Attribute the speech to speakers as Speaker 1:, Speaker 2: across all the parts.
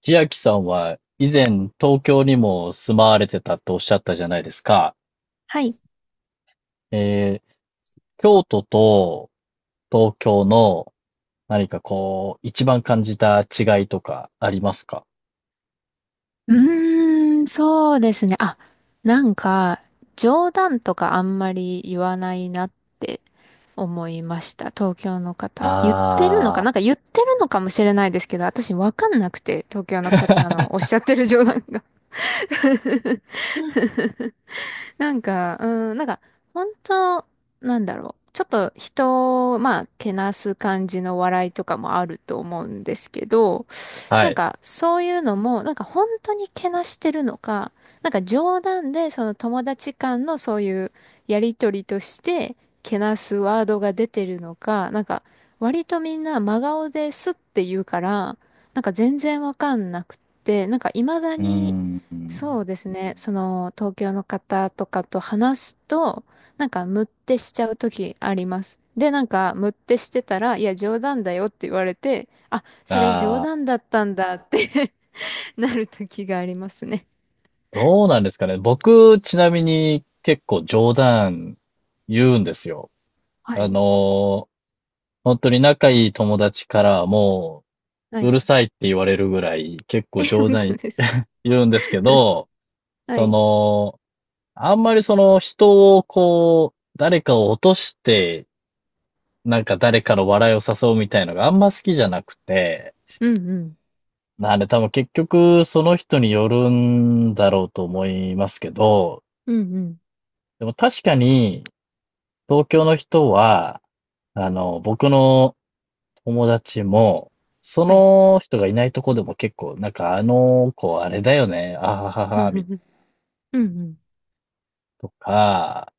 Speaker 1: 千秋さんは以前東京にも住まわれてたとおっしゃったじゃないですか。
Speaker 2: はい。う
Speaker 1: えー京都と東京の何かこう、一番感じた違いとかありますか？
Speaker 2: ーん、そうですね。あ、なんか、冗談とかあんまり言わないなって思いました。東京の方。言ってるのか、
Speaker 1: あ
Speaker 2: なんか言ってるのかもしれないですけど、私わかんなくて、東京の
Speaker 1: あ
Speaker 2: 方のおっ
Speaker 1: ー、
Speaker 2: しゃってる冗談が。なんか、うん、なんか、本当なんだろう。ちょっと人を、まあ、けなす感じの笑いとかもあると思うんですけど、
Speaker 1: は
Speaker 2: なん
Speaker 1: い。
Speaker 2: か、そういうのも、なんか本当にけなしてるのか、なんか冗談で、その友達間のそういうやりとりとして、けなすワードが出てるのか、なんか、割とみんな真顔ですって言うから、なんか全然わかんなくって、なんか未だ
Speaker 1: うー
Speaker 2: に、
Speaker 1: ん。
Speaker 2: そうですね、その東京の方とかと話すと、なんかムッてしちゃう時あります。で、なんかムッてしてたら、いや冗談だよって言われて、それ冗
Speaker 1: ああ、
Speaker 2: 談だったんだって なる時がありますね。
Speaker 1: どうなんですかね。僕、ちなみに結構冗談言うんですよ。
Speaker 2: は
Speaker 1: あ
Speaker 2: い。
Speaker 1: のー本当に仲いい友達からも
Speaker 2: は
Speaker 1: う、う
Speaker 2: い。
Speaker 1: るさいって言われるぐらい、結
Speaker 2: え、
Speaker 1: 構冗
Speaker 2: 本
Speaker 1: 談
Speaker 2: 当ですか。
Speaker 1: 言うんですけど、
Speaker 2: は
Speaker 1: そ
Speaker 2: い。
Speaker 1: の、あんまりその人をこう、誰かを落として、なんか誰かの笑いを誘うみたいのがあんま好きじゃなくて、
Speaker 2: うんうん。
Speaker 1: なんで多分結局その人によるんだろうと思いますけど、
Speaker 2: うんうん。
Speaker 1: でも確かに東京の人は、僕の友達も、そ
Speaker 2: はい。
Speaker 1: の人がいないとこでも結構、なんかあの子あれだよね、あはは
Speaker 2: う
Speaker 1: は、
Speaker 2: ん
Speaker 1: みたい
Speaker 2: うんうん
Speaker 1: なとか、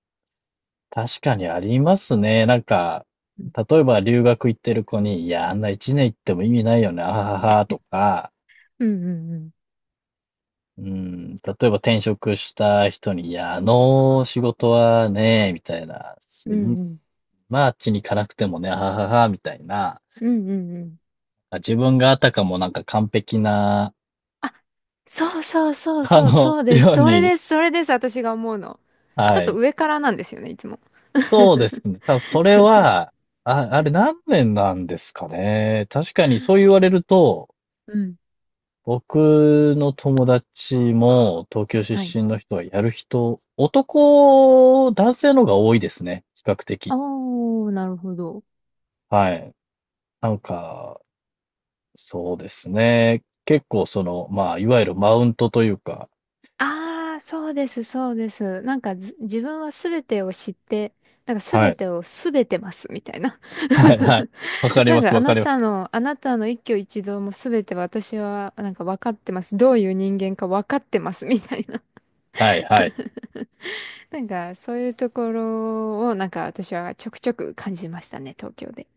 Speaker 1: 確かにありますね。なんか、
Speaker 2: うん
Speaker 1: 例えば留学行ってる子に、いや、あんな一年行っても意味ないよね、あははは、とか、
Speaker 2: うんうん
Speaker 1: うん、例えば転職した人に、いや、あの仕事はね、みたいな、
Speaker 2: うんうんうんうんう
Speaker 1: まあ、あっちに行かなくてもね、あははは、みたいな、
Speaker 2: うんうん。
Speaker 1: 自分があたかもなんか完璧な、
Speaker 2: あ、そうそうそう そう、そうで
Speaker 1: よ
Speaker 2: す、
Speaker 1: う
Speaker 2: それ
Speaker 1: に、
Speaker 2: です、それです。私が思うの、ちょ
Speaker 1: は
Speaker 2: っと
Speaker 1: い。
Speaker 2: 上からなんですよね、いつも。
Speaker 1: そうですね。多分それは、あ、あれ何年なんですかね。確かにそう言われると、
Speaker 2: うん。
Speaker 1: 僕の友達も東京
Speaker 2: はい。
Speaker 1: 出身の人はやる人、男性の方が多いですね。比較
Speaker 2: あ
Speaker 1: 的。
Speaker 2: ー、なるほど。
Speaker 1: はい。なんか、そうですね。結構その、まあ、いわゆるマウントというか、
Speaker 2: ああ、そうです、そうです。なんかず自分は全てを知って、なんか
Speaker 1: は
Speaker 2: 全
Speaker 1: い。
Speaker 2: てを全てますみたいな。
Speaker 1: はいはい。わか り
Speaker 2: な
Speaker 1: ま
Speaker 2: ん
Speaker 1: す、
Speaker 2: かあ
Speaker 1: わか
Speaker 2: な
Speaker 1: ります。
Speaker 2: たの、あなたの一挙一動も全て私はなんか分かってます。どういう人間か分かってますみたいな。
Speaker 1: はいはい。
Speaker 2: なんかそういうところをなんか私はちょくちょく感じましたね、東京で。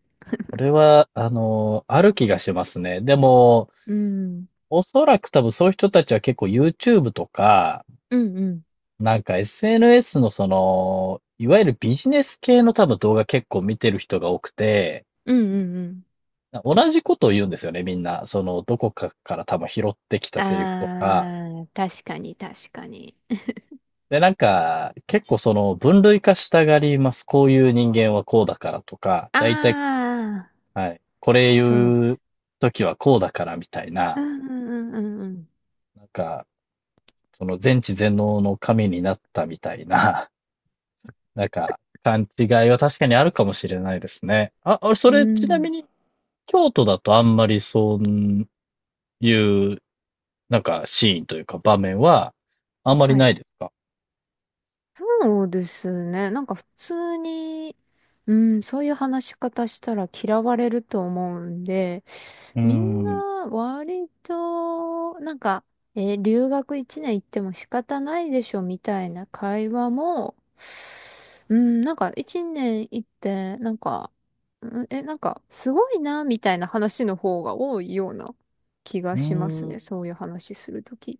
Speaker 1: それは、ある気がしますね。でも、
Speaker 2: うん。
Speaker 1: おそらく多分そういう人たちは結構 YouTube とか、
Speaker 2: うんうん。
Speaker 1: なんか SNS のその、いわゆるビジネス系の多分動画結構見てる人が多くて、
Speaker 2: うんうんうん。
Speaker 1: 同じことを言うんですよね、みんな。その、どこかから多分拾ってきたセリフとか。
Speaker 2: ああ、確かに確かに。
Speaker 1: で、なんか、結構その、分類化したがります。こういう人間はこうだからとか、
Speaker 2: あ
Speaker 1: だいたい、
Speaker 2: あ、
Speaker 1: はい、これ
Speaker 2: そうで
Speaker 1: 言う
Speaker 2: す。
Speaker 1: 時はこうだからみたい
Speaker 2: う
Speaker 1: な、
Speaker 2: んうんうんうんうん。
Speaker 1: なんか、その全知全能の神になったみたいな、なんか、勘違いは確かにあるかもしれないですね。あ、そ
Speaker 2: う
Speaker 1: れ、ちなみ
Speaker 2: ん。
Speaker 1: に、京都だとあんまりそういう、なんか、シーンというか場面は、あんまり
Speaker 2: は
Speaker 1: な
Speaker 2: い。
Speaker 1: いですか？
Speaker 2: そうですね。なんか普通に、うん、そういう話し方したら嫌われると思うんで、
Speaker 1: うー
Speaker 2: みん
Speaker 1: ん。
Speaker 2: な割と、なんか、留学1年行っても仕方ないでしょみたいな会話も、うん、なんか1年行って、なんか、うんえ、なんかすごいな、みたいな話の方が多いような気
Speaker 1: う
Speaker 2: が
Speaker 1: ー
Speaker 2: しますね。
Speaker 1: ん。
Speaker 2: そういう話するとき。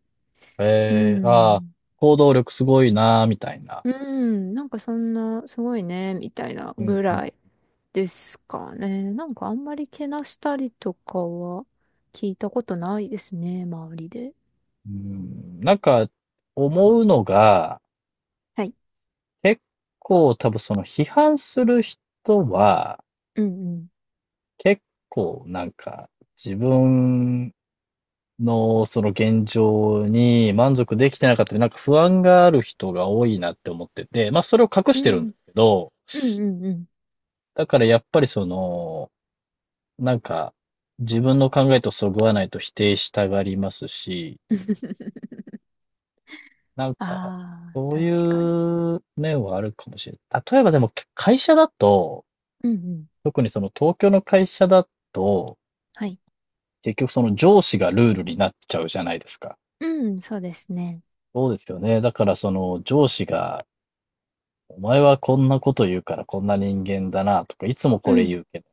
Speaker 2: う
Speaker 1: ああ、
Speaker 2: ん。
Speaker 1: 行動力すごいなー、みたいな。
Speaker 2: うん、なんかそんな、すごいね、みたいな
Speaker 1: うん、
Speaker 2: ぐ
Speaker 1: うん。
Speaker 2: らいですかね。なんかあんまりけなしたりとかは聞いたことないですね、周りで。
Speaker 1: うん、なんか、思うのが、
Speaker 2: はい。
Speaker 1: 結構多分その批判する人は、
Speaker 2: うん
Speaker 1: 結構なんか、自分の、その現状に満足できてなかったり、なんか不安がある人が多いなって思ってて、まあそれを隠
Speaker 2: う
Speaker 1: してるんで
Speaker 2: ん。
Speaker 1: すけど、
Speaker 2: うん。うんうんうん。
Speaker 1: だからやっぱりその、なんか自分の考えとそぐわないと否定したがりますし、なんか
Speaker 2: ああ、
Speaker 1: そう
Speaker 2: 確
Speaker 1: い
Speaker 2: かに。
Speaker 1: う面はあるかもしれない。例えばでも会社だと、
Speaker 2: うんうん。
Speaker 1: 特にその東京の会社だと、
Speaker 2: はい。
Speaker 1: 結局その上司がルールになっちゃうじゃないですか。
Speaker 2: うん、そうですね。
Speaker 1: そうですよね。だからその上司がお前はこんなこと言うからこんな人間だなとか、いつも
Speaker 2: う
Speaker 1: これ言
Speaker 2: ん。
Speaker 1: うけど、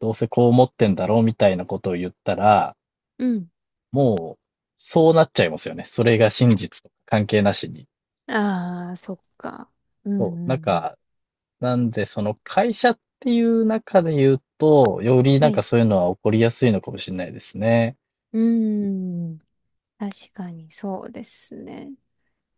Speaker 1: どうせこう思ってんだろうみたいなことを言ったら、
Speaker 2: うん。
Speaker 1: もう、そうなっちゃいますよね。それが真実とか関係なしに。
Speaker 2: ああ、そっか。うん
Speaker 1: そ
Speaker 2: う
Speaker 1: う。なん
Speaker 2: んうん。
Speaker 1: か、なんで、その会社っていう中で言うと、よりな
Speaker 2: は
Speaker 1: んか
Speaker 2: い。
Speaker 1: そういうのは起こりやすいのかもしれないですね。
Speaker 2: うん。確かにそうですね。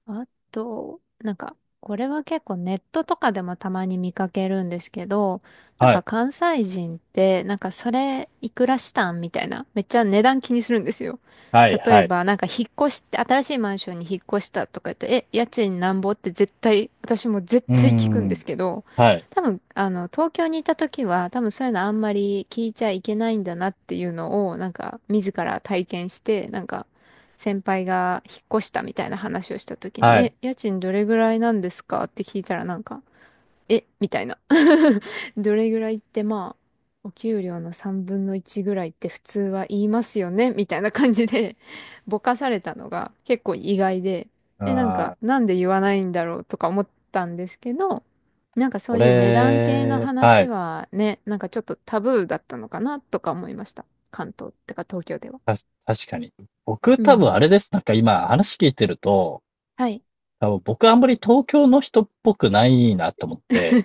Speaker 2: あと、なんか、これは結構ネットとかでもたまに見かけるんですけど、なん
Speaker 1: は
Speaker 2: か
Speaker 1: い。
Speaker 2: 関西人って、なんかそれいくらしたんみたいな、めっちゃ値段気にするんですよ。
Speaker 1: はい、
Speaker 2: 例
Speaker 1: は
Speaker 2: え
Speaker 1: い。
Speaker 2: ば、なんか引っ越して、新しいマンションに引っ越したとか言って、え、家賃なんぼって絶対、私も絶
Speaker 1: うー
Speaker 2: 対聞くんで
Speaker 1: ん。
Speaker 2: すけど、
Speaker 1: はい、
Speaker 2: 多分、あの、東京にいた時は、多分そういうのあんまり聞いちゃいけないんだなっていうのを、なんか、自ら体験して、なんか、先輩が引っ越したみたいな話をした時に、
Speaker 1: は
Speaker 2: え、
Speaker 1: い。
Speaker 2: 家賃どれぐらいなんですかって聞いたらなんか、え、みたいな。どれぐらいってまあ、お給料の3分の1ぐらいって普通は言いますよねみたいな感じでぼかされたのが結構意外で、え、なん
Speaker 1: あ
Speaker 2: か、
Speaker 1: あ、
Speaker 2: なんで言わないんだろうとか思ったんですけど、なんかそ
Speaker 1: そ
Speaker 2: ういう値段系の
Speaker 1: れ、は
Speaker 2: 話
Speaker 1: い。
Speaker 2: はね、なんかちょっとタブーだったのかなとか思いました。関東ってか東京では。
Speaker 1: 確かに。僕
Speaker 2: う
Speaker 1: 多分
Speaker 2: ん。
Speaker 1: あれです。なんか今話聞いてると、
Speaker 2: はい。
Speaker 1: 多分僕あんまり東京の人っぽくないなと思って、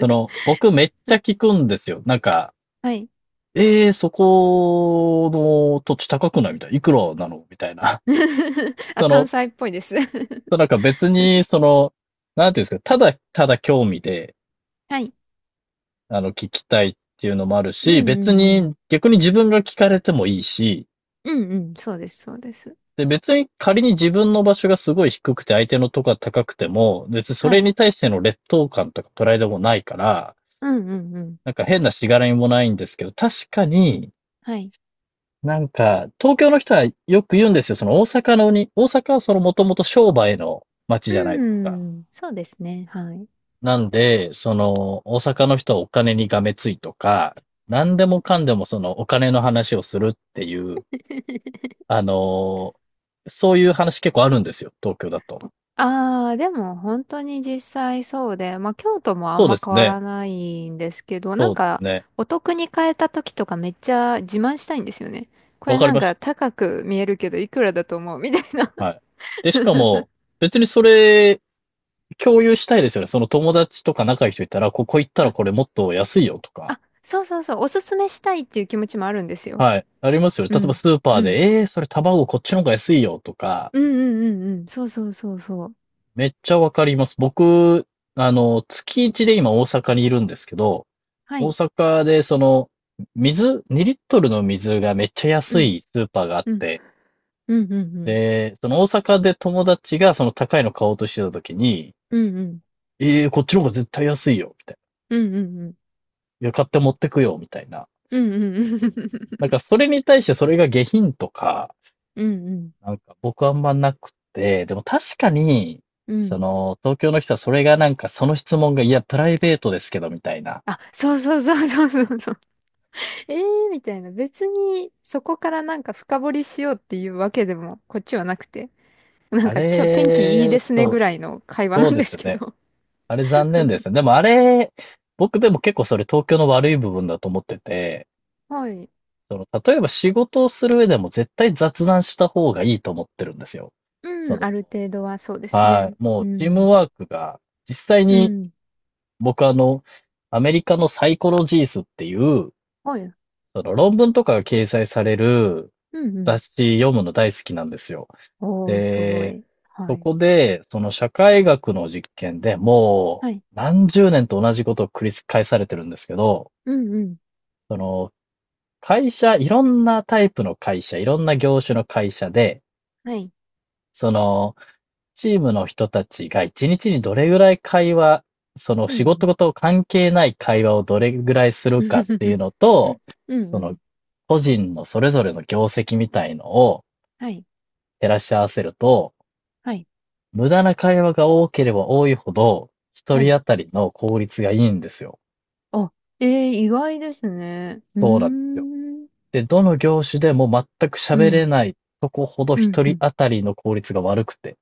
Speaker 1: その、僕めっちゃ聞くんですよ。なんか、
Speaker 2: はい。
Speaker 1: そこの土地高くないみたいな。いくらなのみたいな。
Speaker 2: あ、
Speaker 1: そ
Speaker 2: 関
Speaker 1: の、
Speaker 2: 西っぽいです。
Speaker 1: なんか別に、その、なんていうんですか、ただ興味で、
Speaker 2: はい。
Speaker 1: 聞きたいっていうのもある
Speaker 2: うん
Speaker 1: し、
Speaker 2: う
Speaker 1: 別
Speaker 2: んうん。
Speaker 1: に、逆に自分が聞かれてもいいし、
Speaker 2: うんうん。そうです、そうです。
Speaker 1: で、別に仮に自分の場所がすごい低くて相手のとこが高くても、別にそ
Speaker 2: は
Speaker 1: れ
Speaker 2: い。
Speaker 1: に対しての劣等感とかプライドもないから、
Speaker 2: うんうんうん。
Speaker 1: なんか変なしがらみもないんですけど、確かに、
Speaker 2: はい。
Speaker 1: なんか、東京の人はよく言うんですよ。その大阪のに、大阪はそのもともと商売の街
Speaker 2: う
Speaker 1: じゃないですか。
Speaker 2: ん。そうですね。はい。
Speaker 1: なんで、その、大阪の人はお金にがめついとか、何でもかんでもそのお金の話をするっていう、あのーそういう話結構あるんですよ。東京だと。
Speaker 2: ああ、でも本当に実際そうで、まあ京都もあ
Speaker 1: そ
Speaker 2: ん
Speaker 1: うで
Speaker 2: ま
Speaker 1: す
Speaker 2: 変わ
Speaker 1: ね。
Speaker 2: らないんですけど、な
Speaker 1: そ
Speaker 2: ん
Speaker 1: うです
Speaker 2: か
Speaker 1: ね。
Speaker 2: お得に買えた時とかめっちゃ自慢したいんですよね。こ
Speaker 1: わ
Speaker 2: れ
Speaker 1: かり
Speaker 2: なん
Speaker 1: ま
Speaker 2: か
Speaker 1: し
Speaker 2: 高く見えるけどいくらだと思うみたいな。
Speaker 1: た。はい。で、しかも、別にそれ、共有したいですよね。その友達とか仲いい人いたら、ここ行ったら
Speaker 2: あ、
Speaker 1: これもっと安いよとか。
Speaker 2: あ、そうそうそう、おすすめしたいっていう気持ちもあるんですよ。
Speaker 1: はい。ありますよね。
Speaker 2: う
Speaker 1: 例えば
Speaker 2: ん。
Speaker 1: スーパー
Speaker 2: うん。
Speaker 1: で、それ卵こっちの方が安いよとか、
Speaker 2: うんうんうんうん。そうそうそうそう。
Speaker 1: めっちゃわかります。僕、月一で今大阪にいるんですけど、
Speaker 2: は
Speaker 1: 大
Speaker 2: い。
Speaker 1: 阪でその、水、2リットルの水がめっちゃ
Speaker 2: う
Speaker 1: 安
Speaker 2: ん。
Speaker 1: いスーパーがあっ
Speaker 2: うん。
Speaker 1: て、
Speaker 2: うんうんうん。
Speaker 1: で、その大阪で友達がその高いの買おうとしてた時に、
Speaker 2: うんうん。
Speaker 1: こっちの方が絶対安いよ、みたい
Speaker 2: うんうんうん。
Speaker 1: な。いや、買って持ってくよ、みたいな。
Speaker 2: うんうんうん。
Speaker 1: なん かそれに対してそれが下品とか、
Speaker 2: うんうん。
Speaker 1: なんか僕あんまなくて、でも確かに、
Speaker 2: う
Speaker 1: そ
Speaker 2: ん。
Speaker 1: の、東京の人はそれがなんかその質問が、いや、プライベートですけど、みたいな。
Speaker 2: あ、そうそうそうそうそうそう。えー、みたいな。別にそこからなんか深掘りしようっていうわけでもこっちはなくて。なん
Speaker 1: あ
Speaker 2: か今日天気いい
Speaker 1: れ、
Speaker 2: ですね
Speaker 1: そ
Speaker 2: ぐ
Speaker 1: う、
Speaker 2: らいの会話
Speaker 1: そ
Speaker 2: な
Speaker 1: う
Speaker 2: ん
Speaker 1: で
Speaker 2: で
Speaker 1: す
Speaker 2: す
Speaker 1: よ
Speaker 2: け
Speaker 1: ね。
Speaker 2: ど。
Speaker 1: あれ残念ですね。でもあれ、僕でも結構それ東京の悪い部分だと思ってて、
Speaker 2: はい。
Speaker 1: その、例えば仕事をする上でも絶対雑談した方がいいと思ってるんですよ。そ
Speaker 2: うん、あ
Speaker 1: の、
Speaker 2: る程度はそうです
Speaker 1: は
Speaker 2: ね。
Speaker 1: い、も
Speaker 2: う
Speaker 1: うチーム
Speaker 2: ん。
Speaker 1: ワークが実際
Speaker 2: う
Speaker 1: に
Speaker 2: ん。
Speaker 1: 僕アメリカのサイコロジースっていう、
Speaker 2: はい。
Speaker 1: その論文とかが掲載される
Speaker 2: うんうん。
Speaker 1: 雑誌読むの大好きなんですよ。
Speaker 2: おー、すご
Speaker 1: で、
Speaker 2: い。はい。
Speaker 1: で、その社会学の実験でも
Speaker 2: はい。
Speaker 1: う何十年と同じことを繰り返されてるんですけど、
Speaker 2: うんうん。
Speaker 1: その会社、いろんなタイプの会社、いろんな業種の会社で、
Speaker 2: はい。
Speaker 1: そのチームの人たちが一日にどれぐらい会話、その
Speaker 2: う
Speaker 1: 仕
Speaker 2: ん
Speaker 1: 事と関係ない会話をどれぐらいす
Speaker 2: うん。
Speaker 1: るかっていう のと、
Speaker 2: うん
Speaker 1: そ
Speaker 2: う
Speaker 1: の、
Speaker 2: ん。
Speaker 1: 個人のそれぞれの業績みたいのを
Speaker 2: はい。
Speaker 1: 照らし合わせると、
Speaker 2: はい。
Speaker 1: 無駄な会話が多ければ多いほど、一
Speaker 2: は
Speaker 1: 人
Speaker 2: い。
Speaker 1: 当たりの効率がいいんですよ。
Speaker 2: あ、えー、意外ですね。う
Speaker 1: そうなんですよ。
Speaker 2: ーん。
Speaker 1: で、どの業種でも全く
Speaker 2: う
Speaker 1: 喋れ
Speaker 2: ん。
Speaker 1: ないとこほど
Speaker 2: うん。
Speaker 1: 一
Speaker 2: う
Speaker 1: 人
Speaker 2: ん。
Speaker 1: 当たりの効率が悪くて。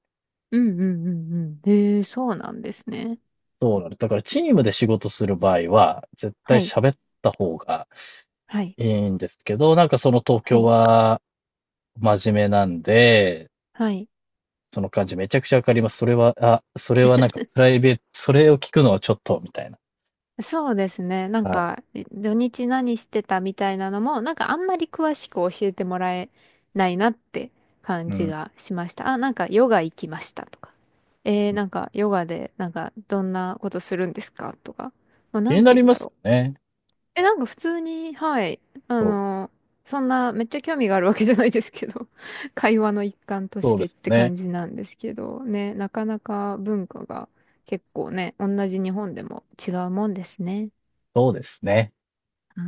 Speaker 2: うんうんうんうん。えー、そうなんですね。
Speaker 1: そうなんです。だからチームで仕事する場合は、絶
Speaker 2: は
Speaker 1: 対
Speaker 2: い。
Speaker 1: 喋った方が
Speaker 2: はい。
Speaker 1: いいんですけど、なんかその東
Speaker 2: は
Speaker 1: 京
Speaker 2: い。
Speaker 1: は真面目なんで、
Speaker 2: はい。
Speaker 1: その感じめちゃくちゃわかります。それは、あ、それはなんかプライベート、それを聞くのはちょっと、みたいな。
Speaker 2: そうですね。なん
Speaker 1: はい。
Speaker 2: か、土日何してたみたいなのも、なんかあんまり詳しく教えてもらえないなって感
Speaker 1: う
Speaker 2: じ
Speaker 1: ん。
Speaker 2: がしました。あ、なんかヨガ行きましたとか。なんかヨガで、なんかどんなことするんですかとか。もう
Speaker 1: 気
Speaker 2: な
Speaker 1: に
Speaker 2: ん
Speaker 1: な
Speaker 2: て言
Speaker 1: り
Speaker 2: うん
Speaker 1: ま
Speaker 2: だ
Speaker 1: す
Speaker 2: ろう。
Speaker 1: よね。
Speaker 2: え、なんか普通に、はい。あ
Speaker 1: そう。
Speaker 2: の、そんなめっちゃ興味があるわけじゃないですけど、会話の一環とし
Speaker 1: そうで
Speaker 2: てっ
Speaker 1: すよ
Speaker 2: て
Speaker 1: ね。
Speaker 2: 感じなんですけど、ね、なかなか文化が結構ね、同じ日本でも違うもんですね。
Speaker 1: そうですね。